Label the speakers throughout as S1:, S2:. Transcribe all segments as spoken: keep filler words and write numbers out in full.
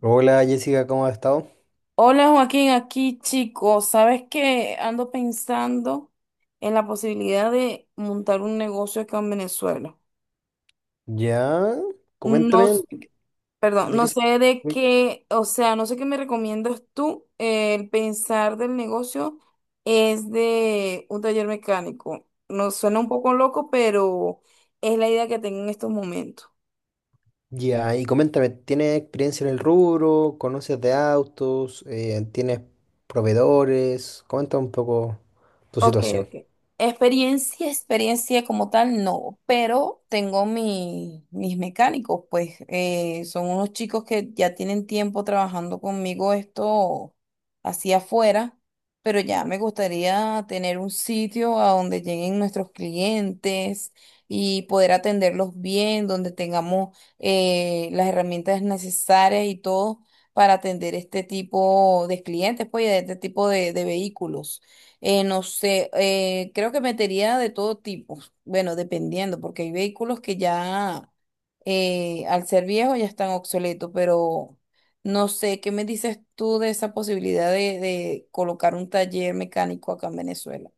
S1: Hola Jessica, ¿cómo has estado?
S2: Hola Joaquín, aquí chico, sabes que ando pensando en la posibilidad de montar un negocio acá en Venezuela.
S1: Ya, coméntame
S2: No, s-
S1: de qué
S2: perdón,
S1: de
S2: no
S1: qué se...
S2: sé de
S1: uy,
S2: qué, o sea, no sé qué me recomiendas tú. El pensar del negocio es de un taller mecánico. No suena un poco loco, pero es la idea que tengo en estos momentos.
S1: Ya, y coméntame, ¿tienes experiencia en el rubro? ¿Conoces de autos? Eh, ¿tienes proveedores? Comenta un poco tu
S2: Ok,
S1: situación.
S2: ok. Experiencia, experiencia como tal, no, pero tengo mi- mis mecánicos, pues eh, son unos chicos que ya tienen tiempo trabajando conmigo esto hacia afuera, pero ya me gustaría tener un sitio a donde lleguen nuestros clientes y poder atenderlos bien, donde tengamos eh, las herramientas necesarias y todo para atender este tipo de clientes, pues y de este tipo de de vehículos. Eh, no sé, eh, creo que metería de todo tipo, bueno, dependiendo, porque hay vehículos que ya eh, al ser viejos ya están obsoletos, pero no sé, ¿qué me dices tú de esa posibilidad de, de colocar un taller mecánico acá en Venezuela?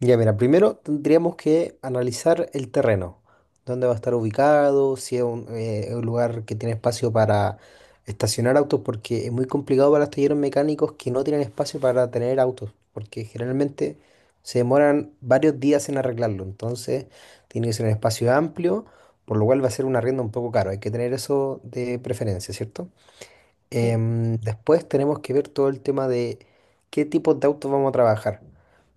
S1: Ya, mira, primero tendríamos que analizar el terreno, dónde va a estar ubicado, si es un, eh, un lugar que tiene espacio para estacionar autos, porque es muy complicado para los talleres mecánicos que no tienen espacio para tener autos, porque generalmente se demoran varios días en arreglarlo, entonces tiene que ser un espacio amplio, por lo cual va a ser un arriendo un poco caro, hay que tener eso de preferencia, ¿cierto?
S2: Sí.
S1: Em, después tenemos que ver todo el tema de qué tipos de autos vamos a trabajar,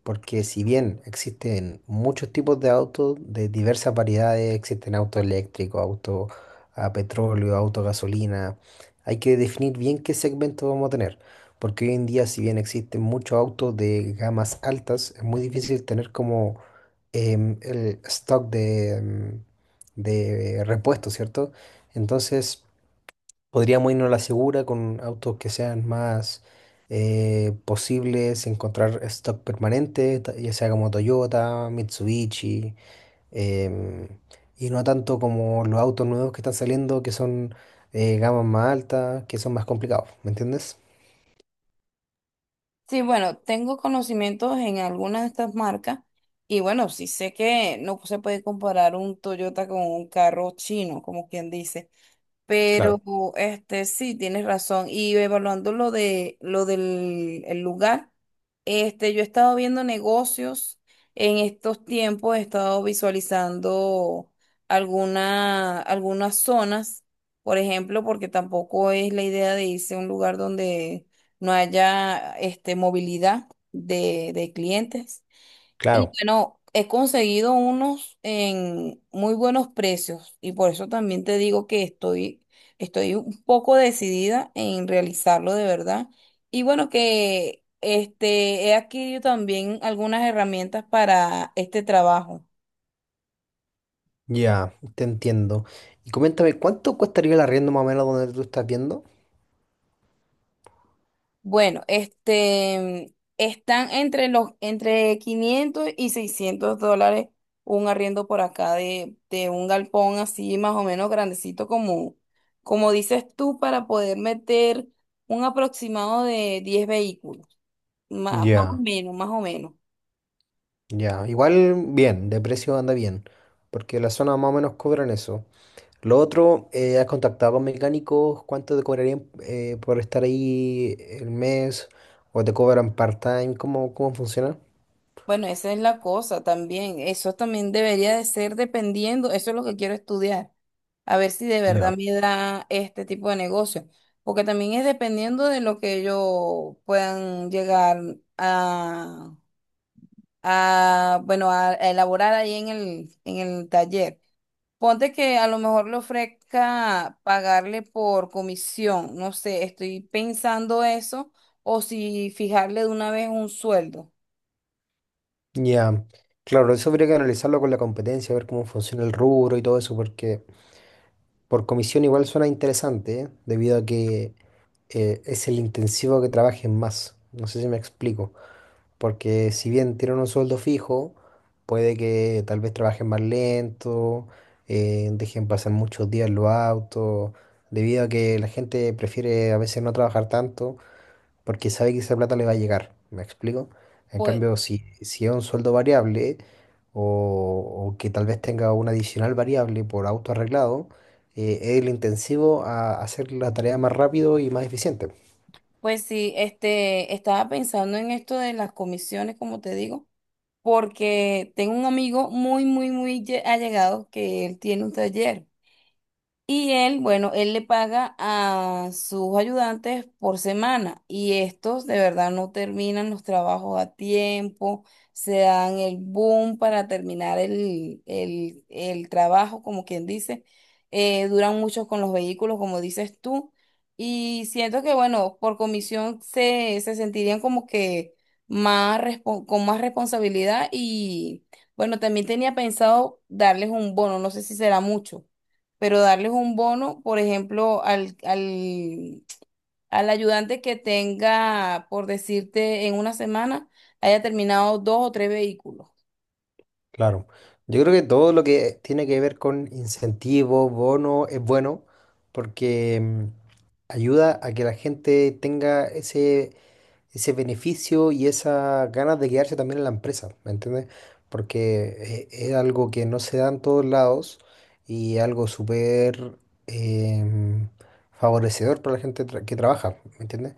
S1: porque si bien existen muchos tipos de autos de diversas variedades, existen autos eléctricos, autos a petróleo, autos a gasolina, hay que definir bien qué segmento vamos a tener, porque hoy en día si bien existen muchos autos de gamas altas, es muy difícil tener como em, el stock de, em, de repuestos, ¿cierto? Entonces... podríamos irnos a la segura con autos que sean más eh, posibles, encontrar stock permanente, ta- ya sea como Toyota, Mitsubishi, em, y no tanto como los autos nuevos que están saliendo, que son eh, gamas más altas, que son más complicados, ¿me entiendes?
S2: Sí, bueno, tengo conocimientos en algunas de estas marcas y bueno, sí sé que no se puede comparar un Toyota con un carro chino, como quien dice. Pero
S1: Claro,
S2: este sí, tienes razón. Y evaluando lo de lo del el lugar, este, yo he estado viendo negocios en estos tiempos, he estado visualizando alguna, algunas zonas, por ejemplo, porque tampoco es la idea de irse a un lugar donde no haya este movilidad de, de clientes. Y
S1: claro,
S2: bueno, he conseguido unos en muy buenos precios y por eso también te digo que estoy, estoy un poco decidida en realizarlo de verdad. Y bueno, que este, he adquirido también algunas herramientas para este trabajo.
S1: ya, te entiendo. Y coméntame, ¿cuánto costaría el arriendo más o menos donde tú estás viendo?
S2: Bueno, este, están entre los, entre quinientos y seiscientos dólares un arriendo por acá de, de un galpón así más o menos grandecito como, como dices tú, para poder meter un aproximado de diez vehículos, má- más o
S1: Ya,
S2: menos, más o menos.
S1: ya, igual bien, de precio anda bien, porque la zona más o menos cobran eso. Lo otro, eh, ¿has contactado con mecánicos? ¿Cuánto te cobrarían eh, por estar ahí el mes? ¿O te cobran part-time? ¿Cómo, cómo funciona?
S2: Bueno, esa es la cosa también. Eso también debería de ser dependiendo. Eso es lo que quiero estudiar. A ver si de verdad
S1: Ya.
S2: me da este tipo de negocio. Porque también es dependiendo de lo que ellos puedan llegar a, a bueno, a elaborar ahí en el, en el taller. Ponte que a lo mejor le ofrezca pagarle por comisión. No sé, estoy pensando eso. O si fijarle de una vez un sueldo.
S1: Ya, Claro, eso habría que analizarlo con la competencia, ver cómo funciona el rubro y todo eso, porque por comisión igual suena interesante, ¿eh? Debido a que eh, es el intensivo que trabajen más. No sé si me explico. Porque si bien tienen un sueldo fijo, puede que tal vez trabajen más lento, eh, dejen pasar muchos días en los autos, debido a que la gente prefiere a veces no trabajar tanto porque sabe que esa plata le va a llegar, ¿me explico? En cambio, si, si es un sueldo variable o, o que tal vez tenga una adicional variable por auto arreglado, eh, es el intensivo a hacer la tarea más rápido y más eficiente.
S2: Pues sí, este, estaba pensando en esto de las comisiones, como te digo, porque tengo un amigo muy, muy, muy lle- allegado que él tiene un taller. Y él, bueno, él le paga a sus ayudantes por semana y estos de verdad no terminan los trabajos a tiempo, se dan el boom para terminar el, el, el trabajo, como quien dice, eh, duran mucho con los vehículos, como dices tú, y siento que, bueno, por comisión se, se sentirían como que más respon- con más responsabilidad y, bueno, también tenía pensado darles un bono, no sé si será mucho pero darles un bono, por ejemplo, al, al, al ayudante que tenga, por decirte, en una semana, haya terminado dos o tres vehículos.
S1: Claro. Yo creo que todo lo que tiene que ver con incentivos, bono, es bueno porque mm, ayuda a que la gente tenga ese, ese beneficio y esas ganas de quedarse también en la empresa, ¿me entiendes? Porque eh, es algo que no se da en todos lados y algo súper em, favorecedor para la gente tra- que trabaja, ¿me entiendes?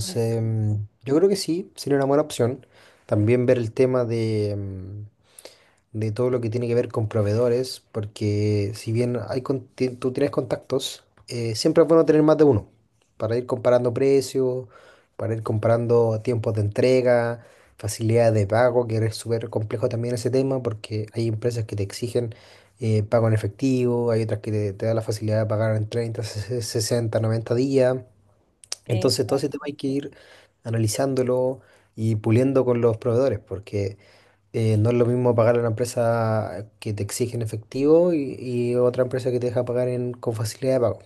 S2: Pues sí.
S1: mm, yo creo que sí, sería una buena opción. También ver el tema de, mm, de todo lo que tiene que ver con proveedores, porque si bien hay, con- ti- tú tienes contactos, eh, siempre es bueno tener más de uno para ir comparando precios, para ir comparando tiempos de entrega, facilidades de pago, que es súper complejo también ese tema, porque hay empresas que te exigen eh, pago en efectivo, hay otras que te, te dan la facilidad de pagar en treinta, sesenta noventa días. Entonces todo ese tema
S2: Exacto.
S1: hay que ir analizándolo y puliendo con los proveedores, porque eh, no es lo mismo pagar a una empresa que te exige en efectivo y, y otra empresa que te deja pagar en, con facilidad de pago.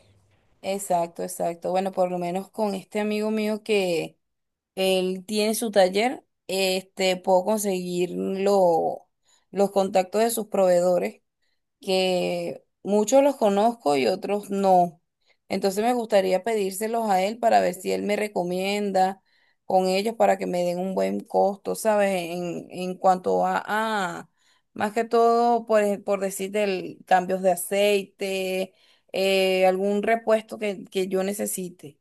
S2: Exacto, exacto. Bueno, por lo menos con este amigo mío que él tiene su taller, este, puedo conseguir lo- los contactos de sus proveedores, que muchos los conozco y otros no. Entonces me gustaría pedírselos a él para ver si él me recomienda con ellos para que me den un buen costo, ¿sabes? En, en cuanto a, a, más que todo, por, ej- por decirte, el- cambios de aceite, eh, algún repuesto que, que yo necesite.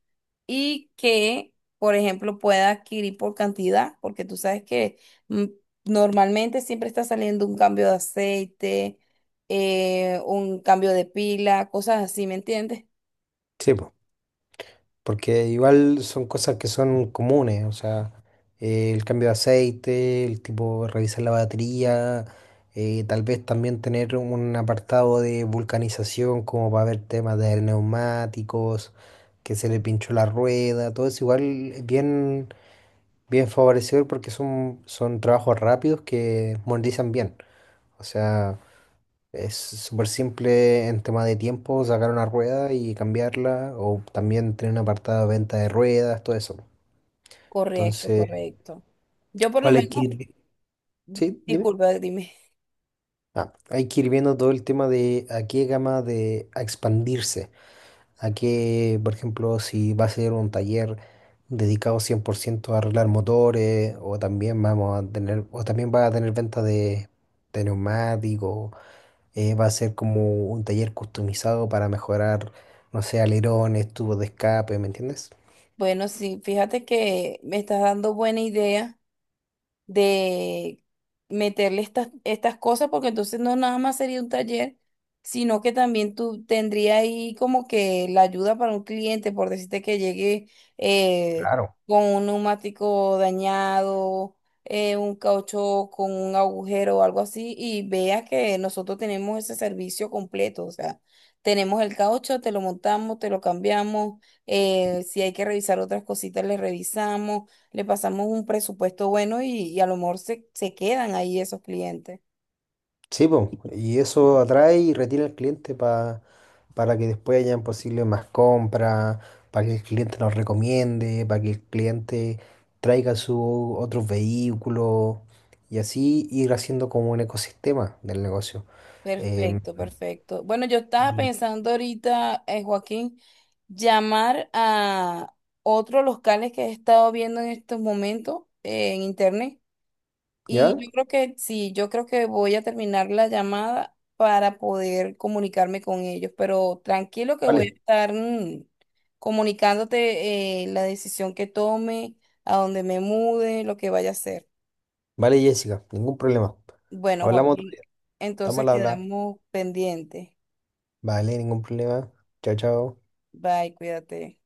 S2: Y que, por ejemplo, pueda adquirir por cantidad, porque tú sabes que mm, normalmente siempre está saliendo un cambio de aceite, eh, un cambio de pila, cosas así, ¿me entiendes?
S1: Sí, po, porque igual son cosas que son comunes, o sea, eh, el cambio de aceite, el tipo revisar la batería, eh, tal vez también tener un apartado de vulcanización como para ver temas de neumáticos, que se le pinchó la rueda, todo eso igual es bien, bien favorecedor porque son, son trabajos rápidos que monetizan bien. O sea, es súper simple en tema de tiempo sacar una rueda y cambiarla, o también tener un apartado de venta de ruedas, todo eso.
S2: Correcto,
S1: Entonces,
S2: correcto. Yo por lo
S1: ¿cuál hay que
S2: menos,
S1: ir? vi- Sí, dime.
S2: disculpa, dime.
S1: Ah, hay que ir viendo todo el tema de a qué gama de a expandirse, a qué, por ejemplo, si va a ser un taller dedicado cien por ciento a arreglar motores, o también vamos a tener, o también va a tener venta de, de neumáticos. Eh, va a ser como un taller customizado para mejorar, no sé, alerones, tubos de escape, ¿me entiendes?
S2: Bueno, sí, fíjate que me estás dando buena idea de meterle estas, estas cosas, porque entonces no nada más sería un taller, sino que también tú tendría ahí como que la ayuda para un cliente, por decirte que llegue eh,
S1: Claro.
S2: con un neumático dañado, eh, un caucho con un agujero o algo así, y veas que nosotros tenemos ese servicio completo, o sea. Tenemos el caucho, te lo montamos, te lo cambiamos. Eh, si hay que revisar otras cositas, le revisamos, le pasamos un presupuesto bueno y, y a lo mejor se, se quedan ahí esos clientes.
S1: Sí, po, y eso atrae y retiene al cliente pa- para que después hayan posible más compras, para que el cliente nos recomiende, para que el cliente traiga su otros vehículos y así ir haciendo como un ecosistema del negocio. Em,
S2: Perfecto, perfecto. Bueno, yo estaba
S1: y-
S2: pensando ahorita, eh, Joaquín, llamar a otros locales que he estado viendo en estos momentos eh, en internet. Y
S1: ¿Ya?
S2: yo creo que sí, yo creo que voy a terminar la llamada para poder comunicarme con ellos, pero tranquilo que voy a
S1: Vale,
S2: estar mm, comunicándote eh, la decisión que tome, a dónde me mude, lo que vaya a hacer.
S1: vale, Jessica, ningún problema.
S2: Bueno,
S1: Hablamos otro
S2: Joaquín,
S1: día. Estamos
S2: entonces
S1: al habla.
S2: quedamos pendientes.
S1: Vale, ningún problema. Chao, chao.
S2: Bye, cuídate.